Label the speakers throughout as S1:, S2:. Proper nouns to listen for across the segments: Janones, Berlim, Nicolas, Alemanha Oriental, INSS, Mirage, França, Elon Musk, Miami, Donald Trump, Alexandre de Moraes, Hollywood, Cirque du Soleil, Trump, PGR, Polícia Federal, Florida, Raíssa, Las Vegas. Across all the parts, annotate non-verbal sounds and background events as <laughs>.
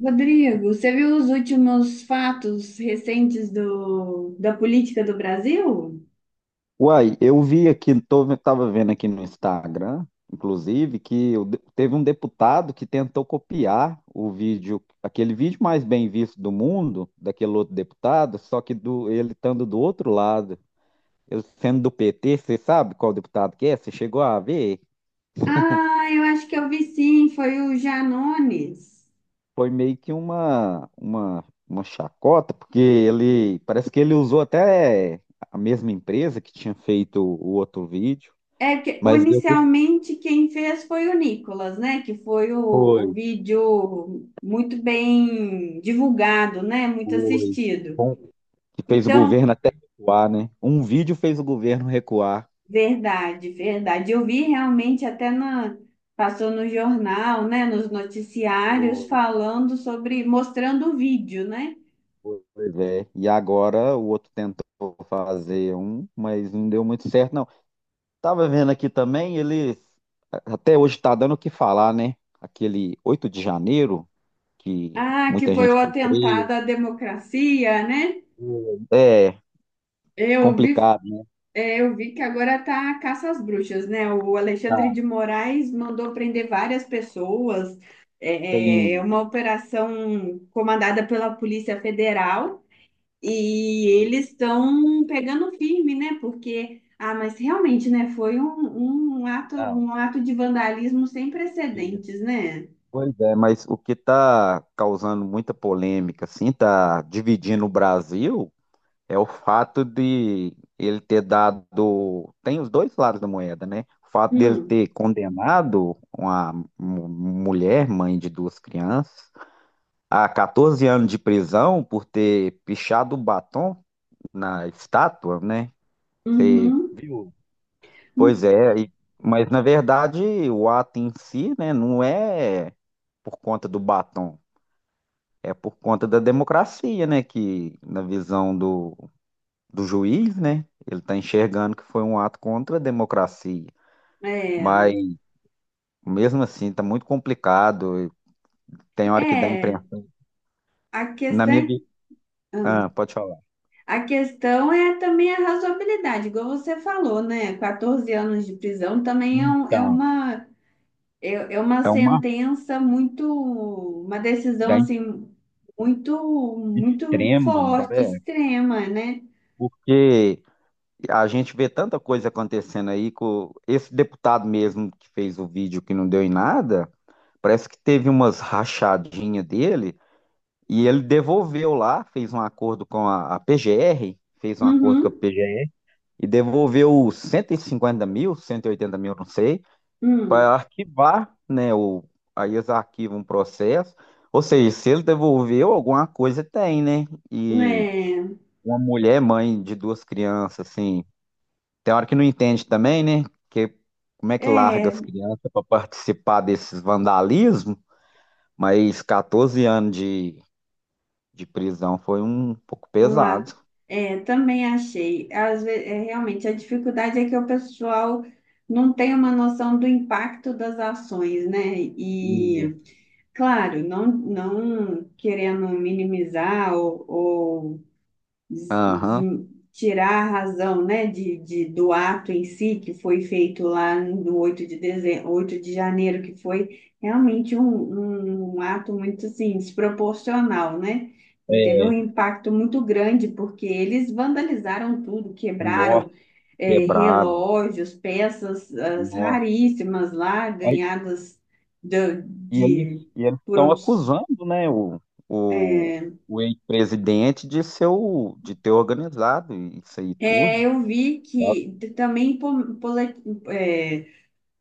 S1: Rodrigo, você viu os últimos fatos recentes da política do Brasil?
S2: Uai, eu vi aqui, tava vendo aqui no Instagram, inclusive, que teve um deputado que tentou copiar o vídeo, aquele vídeo mais bem visto do mundo, daquele outro deputado, só que ele estando do outro lado, ele sendo do PT. Você sabe qual deputado que é? Você chegou a ver?
S1: Ah, eu acho que eu vi sim, foi o Janones.
S2: Foi meio que uma chacota, porque ele, parece que ele usou até a mesma empresa que tinha feito o outro vídeo, mas deu tudo.
S1: Inicialmente quem fez foi o Nicolas, né? O
S2: Foi,
S1: vídeo muito bem divulgado, né? Muito
S2: foi.
S1: assistido.
S2: Que fez o
S1: Então,
S2: governo até recuar, né? Um vídeo fez o governo recuar.
S1: verdade, verdade. Eu vi realmente até na passou no jornal, né? Nos noticiários
S2: Foi,
S1: falando sobre, mostrando o vídeo, né?
S2: foi. Pois é. E agora o outro tentou fazer um, mas não deu muito certo, não. Tava vendo aqui também, ele até hoje tá dando o que falar, né? Aquele 8 de janeiro, que
S1: Ah, que
S2: muita
S1: foi
S2: gente
S1: o
S2: foi presa.
S1: atentado à democracia, né?
S2: É
S1: Eu vi,
S2: complicado, né?
S1: eu vi que agora tá a caça às bruxas, né? O Alexandre
S2: Tá,
S1: de Moraes mandou prender várias pessoas. É é
S2: tem.
S1: uma operação comandada pela Polícia Federal e
S2: Isso,
S1: eles estão pegando firme, né? Porque, mas realmente, né? Foi
S2: não,
S1: um ato de vandalismo sem
S2: isso.
S1: precedentes, né?
S2: Pois é, mas o que tá causando muita polêmica, assim, tá dividindo o Brasil. É o fato de ele ter dado. Tem os dois lados da moeda, né? O fato dele
S1: Hum,
S2: ter condenado uma mulher, mãe de duas crianças, a 14 anos de prisão por ter pichado o batom na estátua, né?
S1: uhum,
S2: Viu? Pois é. Mas na verdade o ato em si, né, não é por conta do batom, é por conta da democracia, né? Que na visão do juiz, né? Ele está enxergando que foi um ato contra a democracia.
S1: é.
S2: Mas, mesmo assim, está muito complicado. Tem hora que dá
S1: É,
S2: imprensa.
S1: a
S2: Na
S1: questão
S2: minha.
S1: é.
S2: vi- Ah,
S1: Ah,
S2: pode falar.
S1: a questão é também a razoabilidade, igual você falou, né? 14 anos de prisão também é, é
S2: Então,
S1: uma, é uma
S2: é uma
S1: sentença muito, uma decisão
S2: da in-
S1: assim, muito, muito
S2: extrema, não
S1: forte,
S2: parece?
S1: extrema, né?
S2: Porque a gente vê tanta coisa acontecendo aí com esse deputado mesmo que fez o vídeo que não deu em nada, parece que teve umas rachadinhas dele e ele devolveu lá, fez um acordo com a PGR, fez um acordo com a
S1: Uhum,
S2: PGR e devolveu 150 mil, 180 mil, não sei,
S1: hum,
S2: para arquivar, né? Aí eles arquivam um processo. Ou seja, se ele devolveu, alguma coisa tem, né? E
S1: é,
S2: uma mulher, mãe de duas crianças, assim, tem hora que não entende também, né? Que, como é que larga
S1: é,
S2: as crianças para participar desses vandalismos? Mas 14 anos de prisão foi um pouco
S1: uma,
S2: pesado.
S1: é, também achei. Às vezes, é, realmente, a dificuldade é que o pessoal não tem uma noção do impacto das ações, né?
S2: E,
S1: E claro, não querendo minimizar ou
S2: Aham,
S1: tirar a razão, né, do ato em si, que foi feito lá no 8 de dezembro, 8 de janeiro, que foi realmente um ato muito, assim, desproporcional, né? E teve
S2: é,
S1: um impacto muito grande, porque eles vandalizaram tudo,
S2: nossa,
S1: quebraram,
S2: quebraram.
S1: relógios, peças, as
S2: Nossa.
S1: raríssimas lá, ganhadas de,
S2: E eles
S1: de-
S2: e eles
S1: por
S2: estão
S1: outros.
S2: acusando, né, o,
S1: É,
S2: o ex-presidente de ser de ter organizado isso aí
S1: É,
S2: tudo.
S1: eu vi que também é,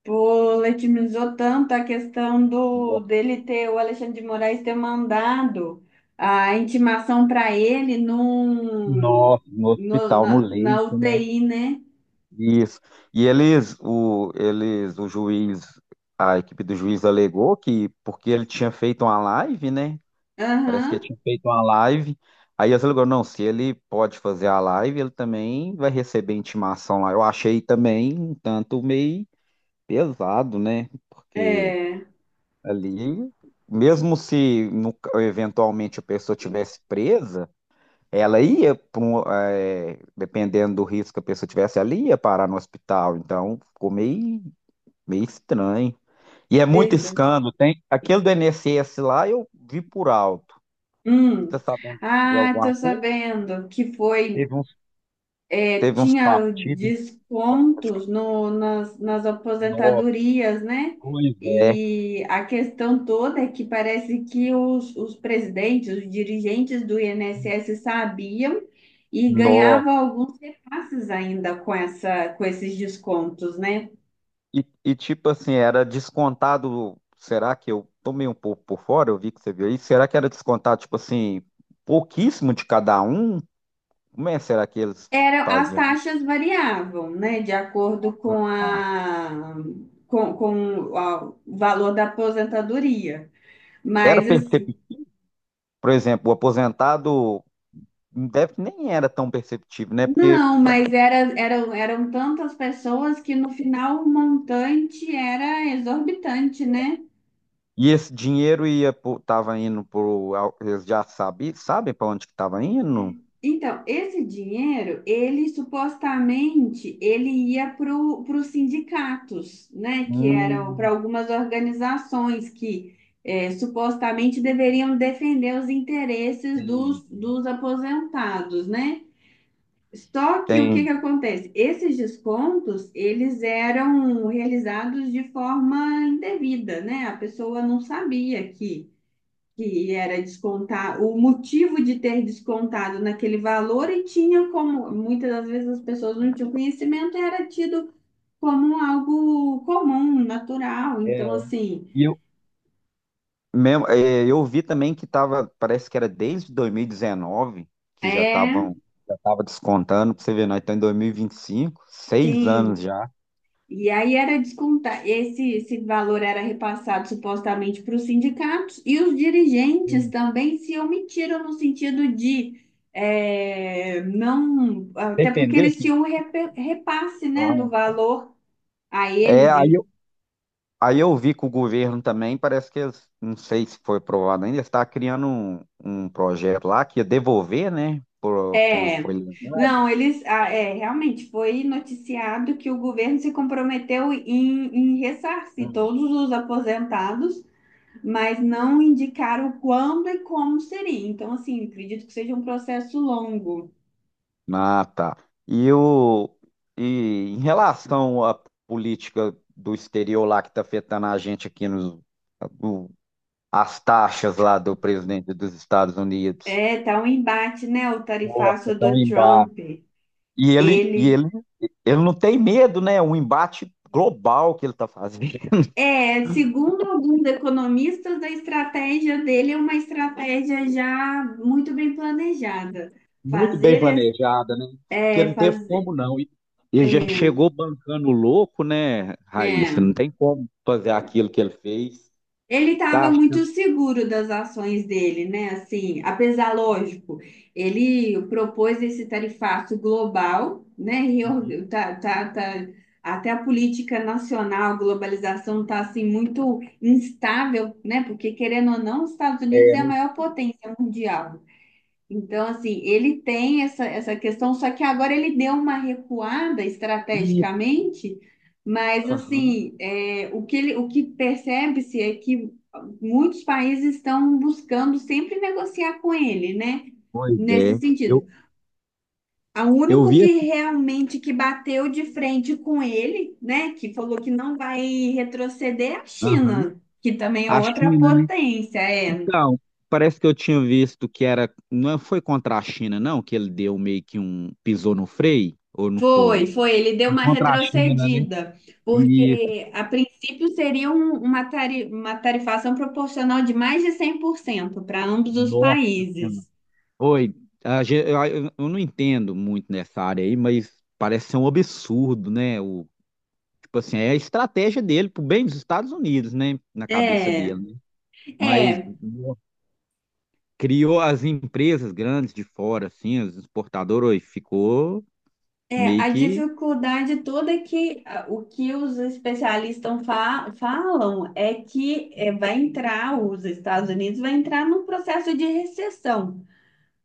S1: poletimizou tanto a questão do
S2: No,
S1: dele ter, o Alexandre de Moraes ter mandado a intimação para ele
S2: no
S1: no,
S2: hospital, no
S1: na, na
S2: leito, né?
S1: UTI, né?
S2: Isso. E eles, a equipe do juiz alegou que porque ele tinha feito uma live, né? Parece que
S1: Aham,
S2: ele tinha feito uma live. Aí eles alegou, não, se ele pode fazer a live, ele também vai receber intimação lá. Eu achei também um tanto meio pesado, né? Porque
S1: é,
S2: ali, mesmo se eventualmente a pessoa tivesse presa, ela ia pra dependendo do risco que a pessoa tivesse, ela ia parar no hospital. Então, ficou meio estranho. E é muito
S1: verdade.
S2: escândalo, tem. Aquele do INSS lá eu vi por alto. Você tá
S1: Hum.
S2: sabendo de
S1: Ah, tô
S2: alguma coisa?
S1: sabendo que foi
S2: Teve uns,
S1: é,
S2: teve uns
S1: tinha
S2: partidos.
S1: descontos no, nas
S2: Nossa,
S1: aposentadorias, né?
S2: pois é.
S1: E a questão toda é que parece que os presidentes, os dirigentes do INSS sabiam e
S2: Nossa.
S1: ganhavam alguns repasses ainda com essa, com esses descontos, né?
S2: E tipo assim, era descontado. Será que eu tomei um pouco por fora? Eu vi que você viu aí. Será que era descontado, tipo assim, pouquíssimo de cada um? Como é que será que eles
S1: Era, as
S2: faziam isso?
S1: taxas variavam, né? De acordo com a- o valor da aposentadoria.
S2: Era
S1: Mas assim,
S2: perceptível, por exemplo, o aposentado deve, nem era tão perceptível, né? Porque
S1: não, mas era, eram, eram tantas pessoas que no final o montante era exorbitante, né?
S2: esse dinheiro tava indo pro. Eles já sabem para onde que tava indo?
S1: Então, esse dinheiro, ele supostamente, ele ia para os sindicatos, né? Que eram para
S2: Hum,
S1: algumas organizações que supostamente deveriam defender os interesses dos,
S2: entendi.
S1: dos aposentados, né? Só que o que que
S2: Entendi.
S1: acontece? Esses descontos, eles eram realizados de forma indevida, né? A pessoa não sabia que era descontar, o motivo de ter descontado naquele valor e tinha como, muitas das vezes as pessoas não tinham conhecimento, e era tido como algo comum, natural. Então, assim,
S2: Mesmo, é, eu vi também que tava, parece que era desde 2019 que já
S1: é,
S2: estavam, já tava descontando, pra você ver, nós estamos em 2025 6 anos
S1: sim,
S2: já.
S1: e aí era descontar, esse valor era repassado supostamente para os sindicatos e os dirigentes
S2: Hum.
S1: também se omitiram no sentido de não, até porque
S2: Defendeu
S1: eles
S2: que
S1: tinham um repasse, né, do
S2: Ah.
S1: valor a
S2: É,
S1: eles. E-
S2: aí eu vi que o governo também, parece que eles, não sei se foi aprovado ainda, está criando um projeto lá que ia devolver, né, por quem
S1: É,
S2: foi lesado.
S1: não, eles, é, realmente foi noticiado que o governo se comprometeu em, em ressarcir todos os aposentados, mas não indicaram quando e como seria. Então, assim, acredito que seja um processo longo.
S2: Ah, tá. E, o, e em relação à política do exterior lá que está afetando a gente aqui o- as taxas lá do presidente dos Estados Unidos.
S1: É, tá um embate, né? O
S2: Nossa,
S1: tarifaço
S2: tão
S1: do
S2: embaixo.
S1: Trump,
S2: E ele, e
S1: ele
S2: ele, ele não tem medo, né? Um embate global que ele está fazendo. <laughs>
S1: é, segundo alguns economistas, a estratégia dele é uma estratégia já muito bem planejada.
S2: Muito bem
S1: Fazer,
S2: planejada, né? Porque
S1: é,
S2: não teve
S1: fazer,
S2: como não. Ele já
S1: é,
S2: chegou bancando louco, né, Raíssa?
S1: né,
S2: Não tem como fazer aquilo que ele fez.
S1: ele
S2: E
S1: estava
S2: tá.
S1: muito seguro das ações dele, né? Assim, apesar, lógico, ele propôs esse tarifaço global, né?
S2: Uhum.
S1: Até a política nacional, a globalização está assim muito instável, né? Porque querendo ou não, os Estados Unidos
S2: É,
S1: é a maior potência mundial. Então, assim, ele tem essa, essa questão, só que agora ele deu uma recuada estrategicamente, mas,
S2: aham,
S1: assim, é, o que percebe-se é que muitos países estão buscando sempre negociar com ele, né?
S2: pois
S1: Nesse
S2: é. Eu,
S1: sentido. O
S2: eu
S1: único
S2: vi
S1: que
S2: aqui,
S1: realmente que bateu de frente com ele, né, que falou que não vai retroceder é a
S2: aham,
S1: China, que também é
S2: a
S1: outra
S2: China, né?
S1: potência, é,
S2: Então, parece que eu tinha visto que era, não é, foi contra a China, não, que ele deu meio que um, pisou no freio, ou não
S1: foi,
S2: foi?
S1: foi. Ele deu
S2: Foi
S1: uma
S2: contra a China, né?
S1: retrocedida,
S2: Isso,
S1: porque a princípio seria uma, uma tarifação proporcional de mais de 100% para ambos os
S2: Nossa Senhora.
S1: países.
S2: Oi, eu não entendo muito nessa área aí, mas parece ser um absurdo, né? Tipo assim, é a estratégia dele pro bem dos Estados Unidos, né? Na cabeça
S1: É,
S2: dele, né? Mas,
S1: é,
S2: criou as empresas grandes de fora, assim, os exportadores, ficou
S1: é,
S2: meio
S1: a
S2: que.
S1: dificuldade toda é que ah, o que os especialistas falam é que é, vai entrar, os Estados Unidos vai entrar num processo de recessão.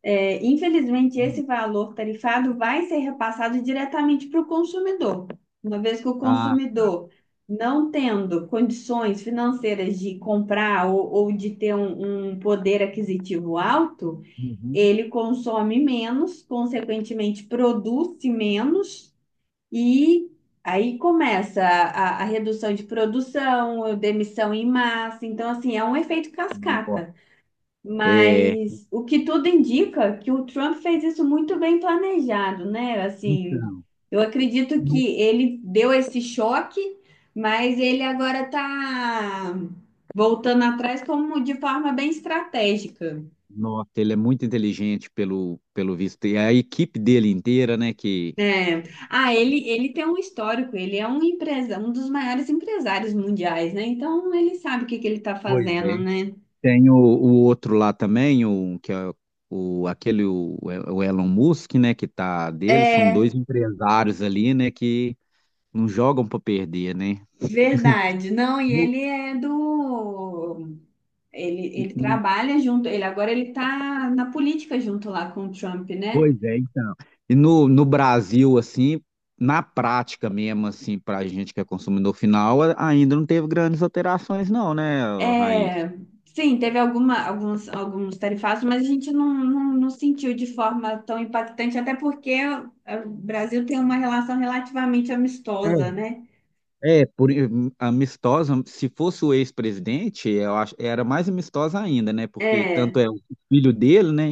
S1: É, infelizmente, esse valor tarifado vai ser repassado diretamente para o consumidor, uma vez que o
S2: Ah,
S1: consumidor, não tendo condições financeiras de comprar ou de ter um poder aquisitivo alto,
S2: uhum.
S1: ele consome menos, consequentemente, produz menos. E. Aí começa a redução de produção, demissão em massa. Então, assim, é um efeito
S2: Ó,
S1: cascata.
S2: é,
S1: Mas o que tudo indica é que o Trump fez isso muito bem planejado, né? Assim,
S2: então,
S1: eu acredito
S2: no-
S1: que ele deu esse choque, mas ele agora está voltando atrás como de forma bem estratégica,
S2: nossa, ele é muito inteligente pelo visto. E a equipe dele inteira, né? Que
S1: né? Ah, ele tem um histórico, ele é um empresa, um dos maiores empresários mundiais, né? Então ele sabe o que que ele está
S2: Pois é.
S1: fazendo, né?
S2: Tem o outro lá também, o, que é o, aquele, o Elon Musk, né? Que tá dele, são
S1: É
S2: dois empresários ali, né? Que não jogam para perder, né?
S1: verdade. Não, e ele é do. Ele
S2: No,
S1: trabalha junto, ele tá na política junto lá com o Trump, né?
S2: pois é, então. E no Brasil, assim, na prática mesmo, assim, pra gente que é consumidor final, ainda não teve grandes alterações, não, né, Raíssa?
S1: É, sim, teve alguma, alguns, alguns tarifaços, mas a gente não sentiu de forma tão impactante, até porque o Brasil tem uma relação relativamente amistosa,
S2: É,
S1: né?
S2: é, amistosa, se fosse o ex-presidente, eu acho, era mais amistosa ainda, né? Porque
S1: É,
S2: tanto é o filho dele, né?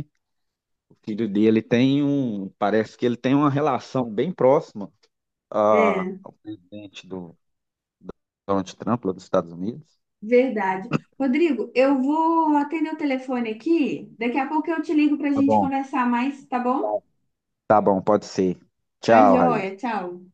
S2: O filho dele tem um, parece que ele tem uma relação bem próxima
S1: é,
S2: ao presidente do Donald Trump, lá dos Estados Unidos.
S1: verdade. Rodrigo, eu vou atender o telefone aqui, daqui a pouco eu te ligo para a
S2: Tá
S1: gente
S2: bom.
S1: conversar mais, tá bom?
S2: Tá bom, pode ser.
S1: Tá
S2: Tchau,
S1: joia,
S2: Raíssa.
S1: tchau.